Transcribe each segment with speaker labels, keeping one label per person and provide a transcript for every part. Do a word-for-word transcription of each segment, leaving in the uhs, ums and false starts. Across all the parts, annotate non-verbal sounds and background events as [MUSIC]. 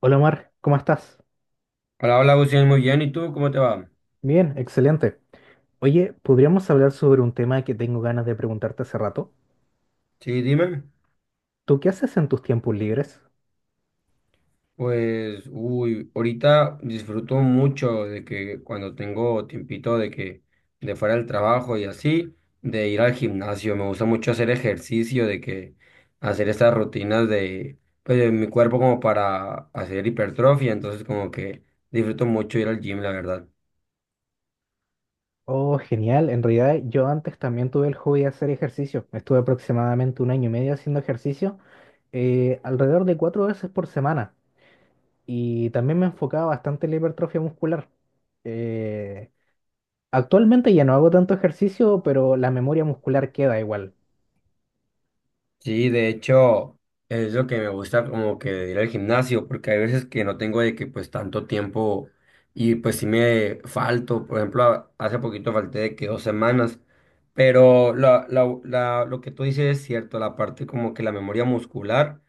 Speaker 1: Hola Omar, ¿cómo estás?
Speaker 2: Hola, hola, Agustín, muy bien. ¿Y tú cómo te va?
Speaker 1: Bien, excelente. Oye, ¿podríamos hablar sobre un tema que tengo ganas de preguntarte hace rato?
Speaker 2: Sí, dime.
Speaker 1: ¿Tú qué haces en tus tiempos libres?
Speaker 2: Pues, uy, ahorita disfruto mucho de que cuando tengo tiempito de que de fuera del trabajo y así, de ir al gimnasio. Me gusta mucho hacer ejercicio, de que hacer estas rutinas de, pues, de mi cuerpo como para hacer hipertrofia. Entonces, como que disfruto mucho ir al gym, la verdad.
Speaker 1: Oh, genial. En realidad yo antes también tuve el hobby de hacer ejercicio. Estuve aproximadamente un año y medio haciendo ejercicio, eh, alrededor de cuatro veces por semana. Y también me enfocaba bastante en la hipertrofia muscular. Eh, actualmente ya no hago tanto ejercicio, pero la memoria muscular queda igual.
Speaker 2: Sí, de hecho, es lo que me gusta como que de ir al gimnasio, porque hay veces que no tengo de que pues tanto tiempo y pues sí me falto, por ejemplo, a- hace poquito falté de que dos semanas, pero la, la, la- lo que tú dices es cierto, la parte como que la memoria muscular,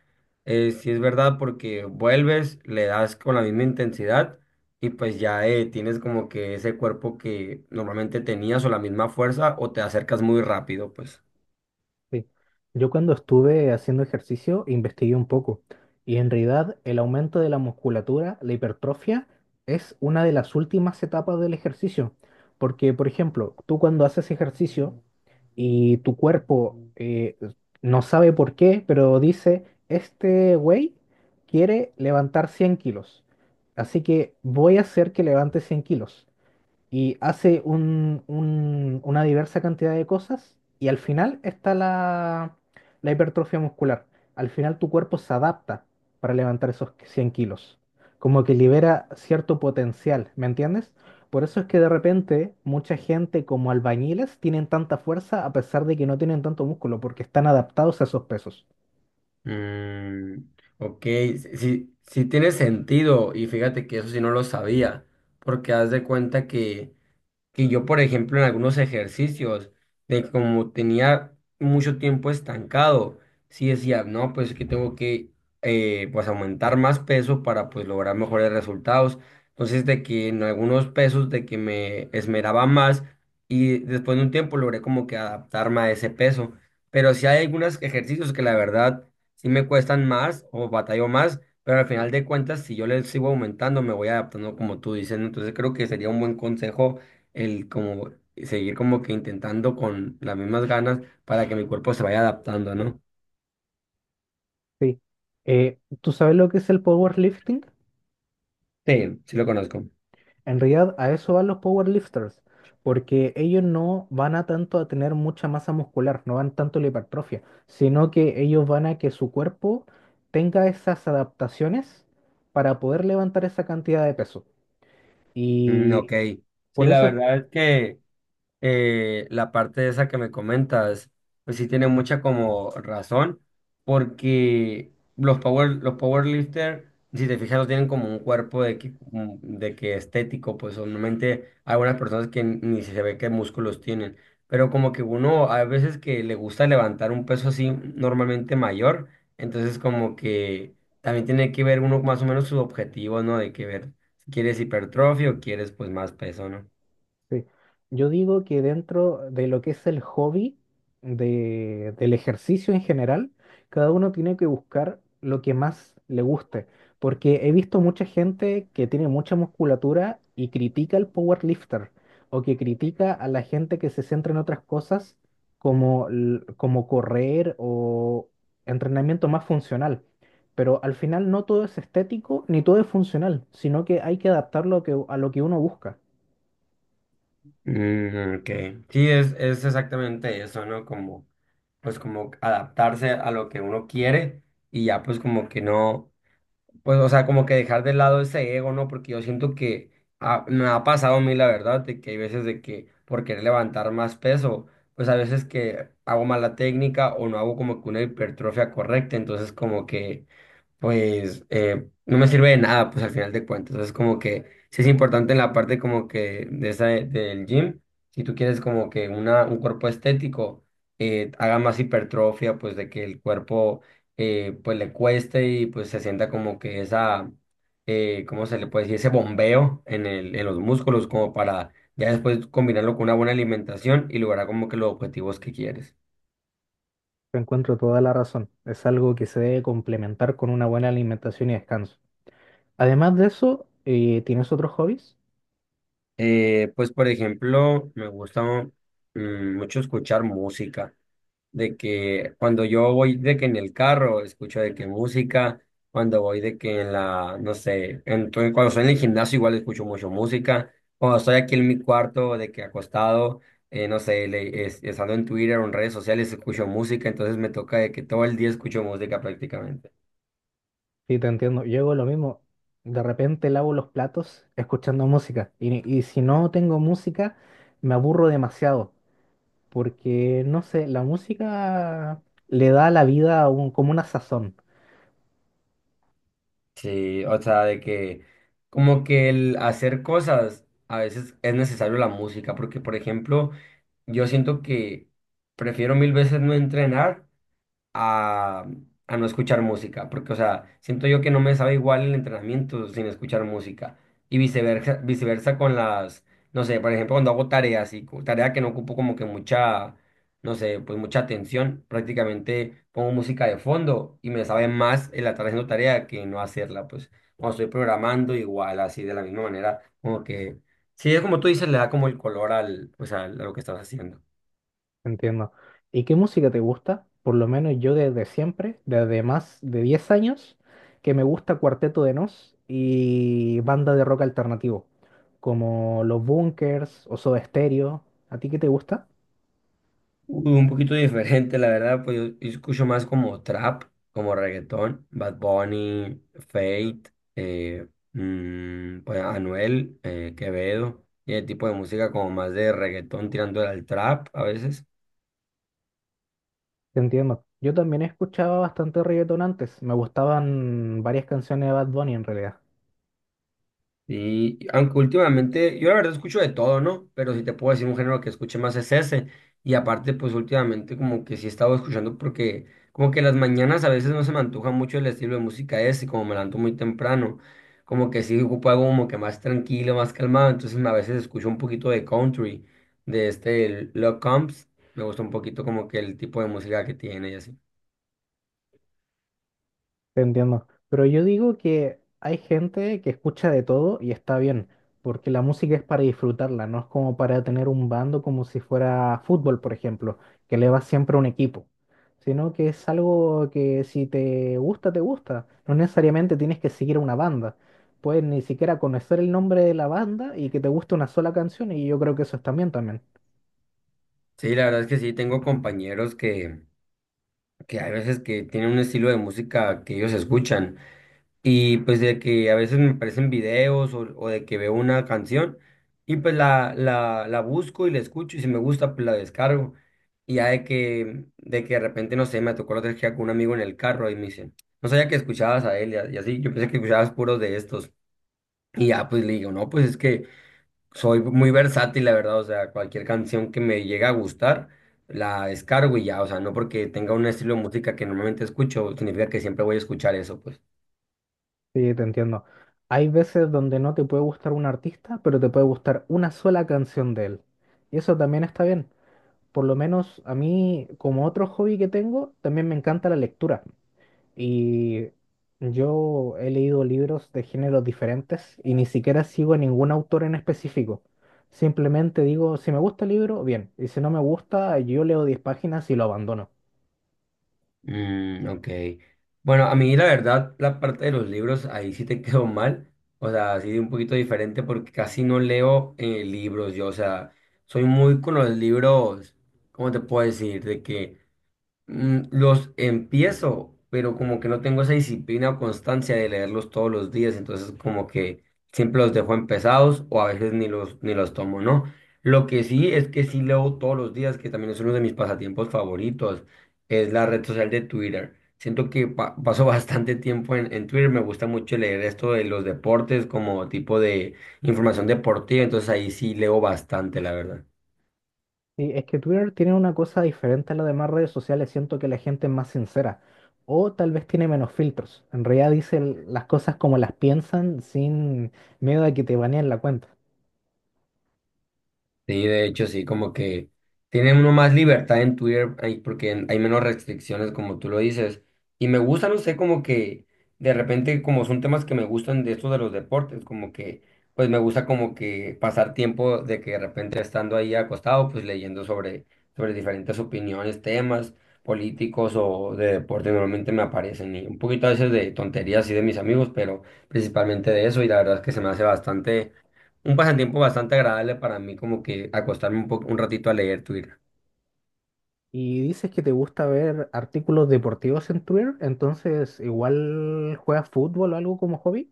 Speaker 2: eh, sí es verdad porque vuelves, le das con la misma intensidad y pues ya eh, tienes como que ese cuerpo que normalmente tenías o la misma fuerza o te acercas muy rápido, pues.
Speaker 1: Sí. Yo cuando estuve haciendo ejercicio investigué un poco y en realidad el aumento de la musculatura, la hipertrofia, es una de las últimas etapas del ejercicio. Porque, por ejemplo, tú cuando haces ejercicio y tu cuerpo eh, no sabe por qué, pero dice, este güey quiere levantar cien kilos, así que voy a hacer que levante cien kilos y hace un- un- una diversa cantidad de cosas y al final está la, la hipertrofia muscular. Al final tu cuerpo se adapta para levantar esos cien kilos, como que libera cierto potencial, ¿me entiendes? Por eso es que de repente mucha gente como albañiles tienen tanta fuerza a pesar de que no tienen tanto músculo, porque están adaptados a esos pesos.
Speaker 2: Mm, ok, sí, sí tiene sentido y fíjate que eso sí no lo sabía, porque haz de cuenta que que yo, por ejemplo, en algunos ejercicios, de como tenía mucho tiempo estancado, sí decía, no, pues que tengo que eh, pues aumentar más peso para pues lograr mejores resultados. Entonces, de que en algunos pesos, de que me esmeraba más y después de un tiempo logré como que adaptarme a ese peso. Pero sí hay algunos ejercicios que la verdad sí me cuestan más o batallo más. Pero al final de cuentas, si yo les sigo aumentando, me voy adaptando como tú dices. ¿no? Entonces creo que sería un buen consejo el como seguir como que intentando con las mismas ganas para que mi cuerpo se vaya adaptando, ¿no?
Speaker 1: Sí. Eh, ¿tú sabes lo que es el powerlifting?
Speaker 2: Sí, sí lo conozco.
Speaker 1: En realidad, a eso van los powerlifters, porque ellos no van a tanto a tener mucha masa muscular, no van tanto a la hipertrofia, sino que ellos van a que su cuerpo tenga esas adaptaciones para poder levantar esa cantidad de peso.
Speaker 2: Mm,
Speaker 1: Y
Speaker 2: ok. Sí,
Speaker 1: por
Speaker 2: la
Speaker 1: eso es
Speaker 2: verdad es que eh, la parte esa que me comentas, pues sí tiene mucha como razón, porque los power, los powerlifter, si te fijas, no tienen como un cuerpo de que, como de que estético, pues normalmente hay algunas personas que ni se ve qué músculos tienen, pero como que uno a veces que le gusta levantar un peso así normalmente mayor, entonces como que también tiene que ver uno más o menos sus objetivos, ¿no? De que ver si quieres hipertrofia o quieres pues más peso, ¿no?
Speaker 1: Sí. Yo digo que dentro de lo que es el hobby de- del ejercicio en general, cada uno tiene que buscar lo que más le guste, porque he visto mucha gente que tiene mucha musculatura y critica al powerlifter o que critica a la gente que se centra en otras cosas como, l- como correr o entrenamiento más funcional. Pero al final no todo es estético ni todo es funcional, sino que hay que adaptarlo a que- a lo que uno busca.
Speaker 2: Mm, ok. Sí, es, es exactamente eso, ¿no? Como, pues como adaptarse a lo que uno quiere y ya pues como que no, pues o sea, como que dejar de lado ese ego, ¿no? Porque yo siento que ah, me ha pasado a mí la verdad, de que hay veces de que por querer levantar más peso, pues a veces que hago mala técnica o no hago como que una hipertrofia correcta, entonces como que pues eh, no me sirve de nada, pues al final de cuentas. Entonces, como que sí es importante en la parte como que de esa, del gym, si tú quieres como que una, un cuerpo estético eh, haga más hipertrofia, pues de que el cuerpo eh, pues le cueste y pues se sienta como que esa, eh, ¿cómo se le puede decir? Ese bombeo en el, en los músculos como para ya después combinarlo con una buena alimentación y lograr como que los objetivos que quieres.
Speaker 1: Te encuentro toda la razón. Es algo que se debe complementar con una buena alimentación y descanso. Además de eso, eh, ¿tienes otros hobbies?
Speaker 2: Eh, pues por ejemplo, me gusta mm, mucho escuchar música, de que cuando yo voy de que en el carro escucho de que música, cuando voy de que en la, no sé, entonces cuando estoy en el gimnasio igual escucho mucho música, cuando estoy aquí en mi cuarto de que acostado, eh, no sé, le, es- estando en Twitter o en redes sociales escucho música, entonces me toca de que todo el día escucho música prácticamente.
Speaker 1: Sí, te entiendo. Yo hago lo mismo. De repente lavo los platos escuchando música. Y, y si no tengo música, me aburro demasiado. Porque, no sé, la música le da a la vida un- como una sazón.
Speaker 2: Sí, o sea, de que como que el hacer cosas a veces es necesario la música, porque por ejemplo, yo siento que prefiero mil veces no entrenar a, a no escuchar música, porque, o sea, siento yo que no me sabe igual el entrenamiento sin escuchar música y viceversa, viceversa con las, no sé, por ejemplo, cuando hago tareas y co- tarea que no ocupo como que mucha, no sé, pues mucha atención, prácticamente pongo música de fondo y me sabe más el estar haciendo tarea que no hacerla, pues cuando estoy programando igual, así de la misma manera, como que, sí, es como tú dices, le da como el color al, pues, al- a lo que estás haciendo.
Speaker 1: Entiendo. ¿Y qué música te gusta? Por lo menos yo desde siempre, desde más de diez años, que me gusta Cuarteto de Nos y banda de rock alternativo, como Los Bunkers o Soda Stereo. ¿A ti qué te gusta?
Speaker 2: Uy, un poquito diferente, la verdad, pues yo, yo escucho más como trap, como reggaetón, Bad Bunny, Fate, eh, mm, pues Anuel, eh, Quevedo, y el tipo de música como más de reggaetón tirando al trap a veces.
Speaker 1: Te entiendo. Yo también escuchaba bastante reggaetón antes. Me gustaban varias canciones de Bad Bunny en realidad.
Speaker 2: Y aunque últimamente, yo la verdad escucho de todo, ¿no? Pero si te puedo decir un género que escuche más es ese. Y aparte, pues últimamente como que sí he estado escuchando porque como que las mañanas a veces no se me antoja mucho el estilo de música ese, como me levanto muy temprano, como que sí ocupo algo como que más tranquilo, más calmado. Entonces a veces escucho un poquito de country, de este el Love Combs. Me gusta un poquito como que el tipo de música que tiene y así.
Speaker 1: Te entiendo. Pero yo digo que hay gente que escucha de todo y está bien, porque la música es para disfrutarla, no es como para tener un bando como si fuera fútbol, por ejemplo, que le va siempre a un equipo, sino que es algo que si te gusta, te gusta. No necesariamente tienes que seguir a una banda. Puedes ni siquiera conocer el nombre de la banda y que te guste una sola canción y yo creo que eso está bien también.
Speaker 2: Sí, la verdad es que sí, tengo compañeros que, que hay veces que tienen un estilo de música que ellos escuchan. Y pues de que a veces me aparecen videos o, o de que veo una canción y pues la, la, la busco y la escucho y si me gusta pues la descargo. Y ya de que, de que de repente, no sé, me tocó la otra vez que iba con un amigo en el carro y me dice, no sabía que escuchabas a él y, a- y así, yo pensé que escuchabas puros de estos. Y ya pues le digo, no, pues es que soy muy versátil, la verdad, o sea, cualquier canción que me llegue a gustar, la descargo y ya, o sea, no porque tenga un estilo de música que normalmente escucho, significa que siempre voy a escuchar eso, pues.
Speaker 1: Sí, te entiendo. Hay veces donde no te puede gustar un artista, pero te puede gustar una sola canción de él. Y eso también está bien. Por lo menos a mí, como otro hobby que tengo, también me encanta la lectura. Y yo he leído libros de géneros diferentes y ni siquiera sigo a ningún autor en específico. Simplemente digo, si me gusta el libro, bien. Y si no me gusta, yo leo diez páginas y lo abandono.
Speaker 2: Mm, ok. Bueno, a mí la verdad, la parte de los libros, ahí sí te [LAUGHS] quedó mal. O sea, así de un poquito diferente porque casi no leo eh, libros yo. O sea, soy muy con los libros, ¿cómo te puedo decir? De que Mm, Los empiezo, pero como que no tengo esa disciplina o constancia de leerlos todos los días, entonces como que siempre los dejo empezados o a veces ni los, ni los tomo, ¿no? Lo que sí es que sí leo todos los días, que también es uno de mis pasatiempos favoritos, es la red social de Twitter. Siento que pa- paso [LAUGHS] bastante tiempo en, en Twitter, me gusta mucho leer esto de los deportes como tipo de información deportiva, entonces ahí sí leo bastante, la verdad.
Speaker 1: Sí, es que Twitter tiene una cosa diferente a las demás redes sociales. Siento que la gente es más sincera. O tal vez tiene menos filtros. En realidad dicen las cosas como las piensan sin miedo a que te baneen la cuenta.
Speaker 2: Sí, de hecho, sí, como que tiene uno más libertad en Twitter ahí porque en- hay menos restricciones, como tú lo dices. Y me gusta, no sé, como que de repente, como son temas que me gustan de estos de los deportes, como que, pues me gusta como que pasar tiempo de que de repente estando ahí acostado, pues leyendo sobre, sobre diferentes opiniones, temas políticos o de deporte, normalmente me aparecen y un poquito a veces de tonterías y de mis amigos, pero principalmente de eso y la verdad es que se me hace bastante un pasatiempo bastante agradable para mí, como que acostarme un poco, un ratito a leer Twitter.
Speaker 1: Y dices que te gusta ver artículos deportivos en Twitter, entonces igual juegas fútbol o algo como hobby.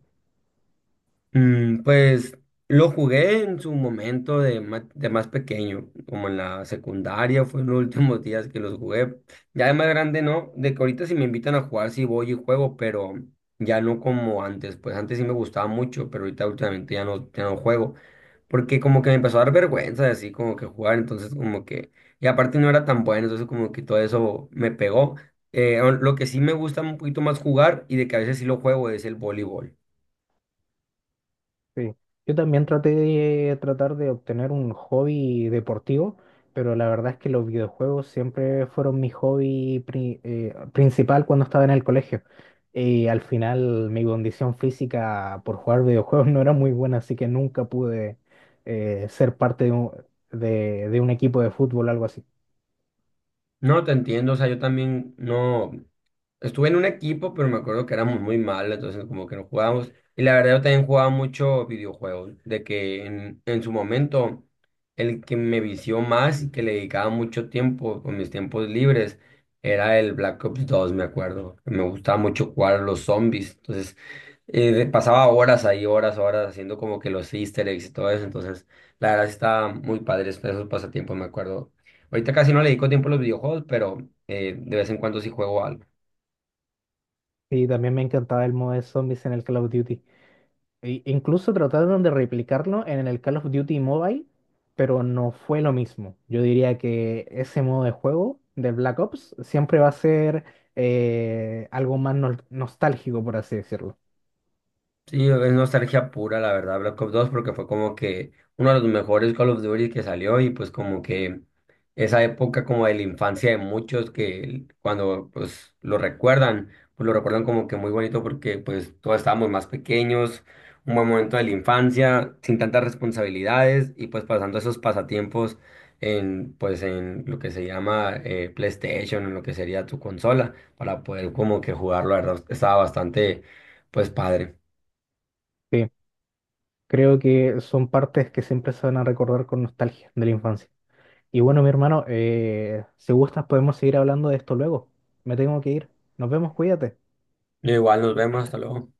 Speaker 2: Mm, pues lo jugué en su momento de más, de más pequeño, como en la secundaria, fue en los [LAUGHS] últimos días que los jugué. Ya de más grande no, de que ahorita si me invitan a jugar sí voy y juego, pero ya no como antes, pues antes sí me gustaba mucho, pero ahorita últimamente ya no, ya no juego, porque como que me empezó a dar vergüenza de así como que jugar, entonces como que, y aparte no era tan bueno, entonces como que todo eso me pegó. Eh, lo que sí me gusta un poquito más jugar y de que a veces sí lo juego es el voleibol.
Speaker 1: Sí. Yo también traté de tratar de obtener un hobby deportivo, pero la verdad es que los videojuegos siempre fueron mi hobby pri- eh, principal cuando estaba en el colegio. Y al final mi condición física por jugar videojuegos [LAUGHS] no era muy buena, así que nunca pude eh, ser parte de un, de, de un equipo de fútbol o algo así.
Speaker 2: No, te entiendo, o sea, yo también no estuve en un equipo, pero me acuerdo que éramos muy malos, entonces como que no jugábamos. Y la verdad yo también jugaba mucho videojuegos, de que en, en su momento el que me vició más y que le dedicaba mucho tiempo con mis tiempos libres era el Black Ops dos me acuerdo. Me gustaba mucho jugar a los zombies, entonces eh, de- pasaba horas ahí, horas, horas haciendo como que los easter eggs y todo eso, entonces la verdad sí estaba muy padre esos pasatiempos, me acuerdo. Ahorita casi no le dedico tiempo a los videojuegos, pero eh, de vez en cuando sí juego algo.
Speaker 1: Y también me encantaba el modo de zombies en el Call of Duty. E- incluso trataron de replicarlo en el Call of Duty Mobile, pero no fue lo mismo. Yo diría que ese modo de juego del Black Ops siempre va a ser eh, algo más nol- nostálgico, por así decirlo.
Speaker 2: Sí, es nostalgia pura, la verdad, Black Ops dos porque fue como que uno de los mejores Call of Duty que salió y pues como que esa época como de la infancia de muchos que cuando pues lo recuerdan, pues lo recuerdan como que muy bonito porque pues todos estábamos más pequeños, un buen momento de la infancia, sin tantas responsabilidades y pues pasando esos pasatiempos en pues en lo que se llama eh, PlayStation, en lo que sería tu consola, para poder como que jugarlo, la verdad, estaba bastante pues padre.
Speaker 1: Sí, creo que son partes que siempre se van a recordar con nostalgia de la infancia. Y bueno, mi hermano, eh, si gustas podemos seguir hablando de esto luego. Me tengo que ir. Nos vemos, cuídate.
Speaker 2: Igual nos vemos, hasta luego.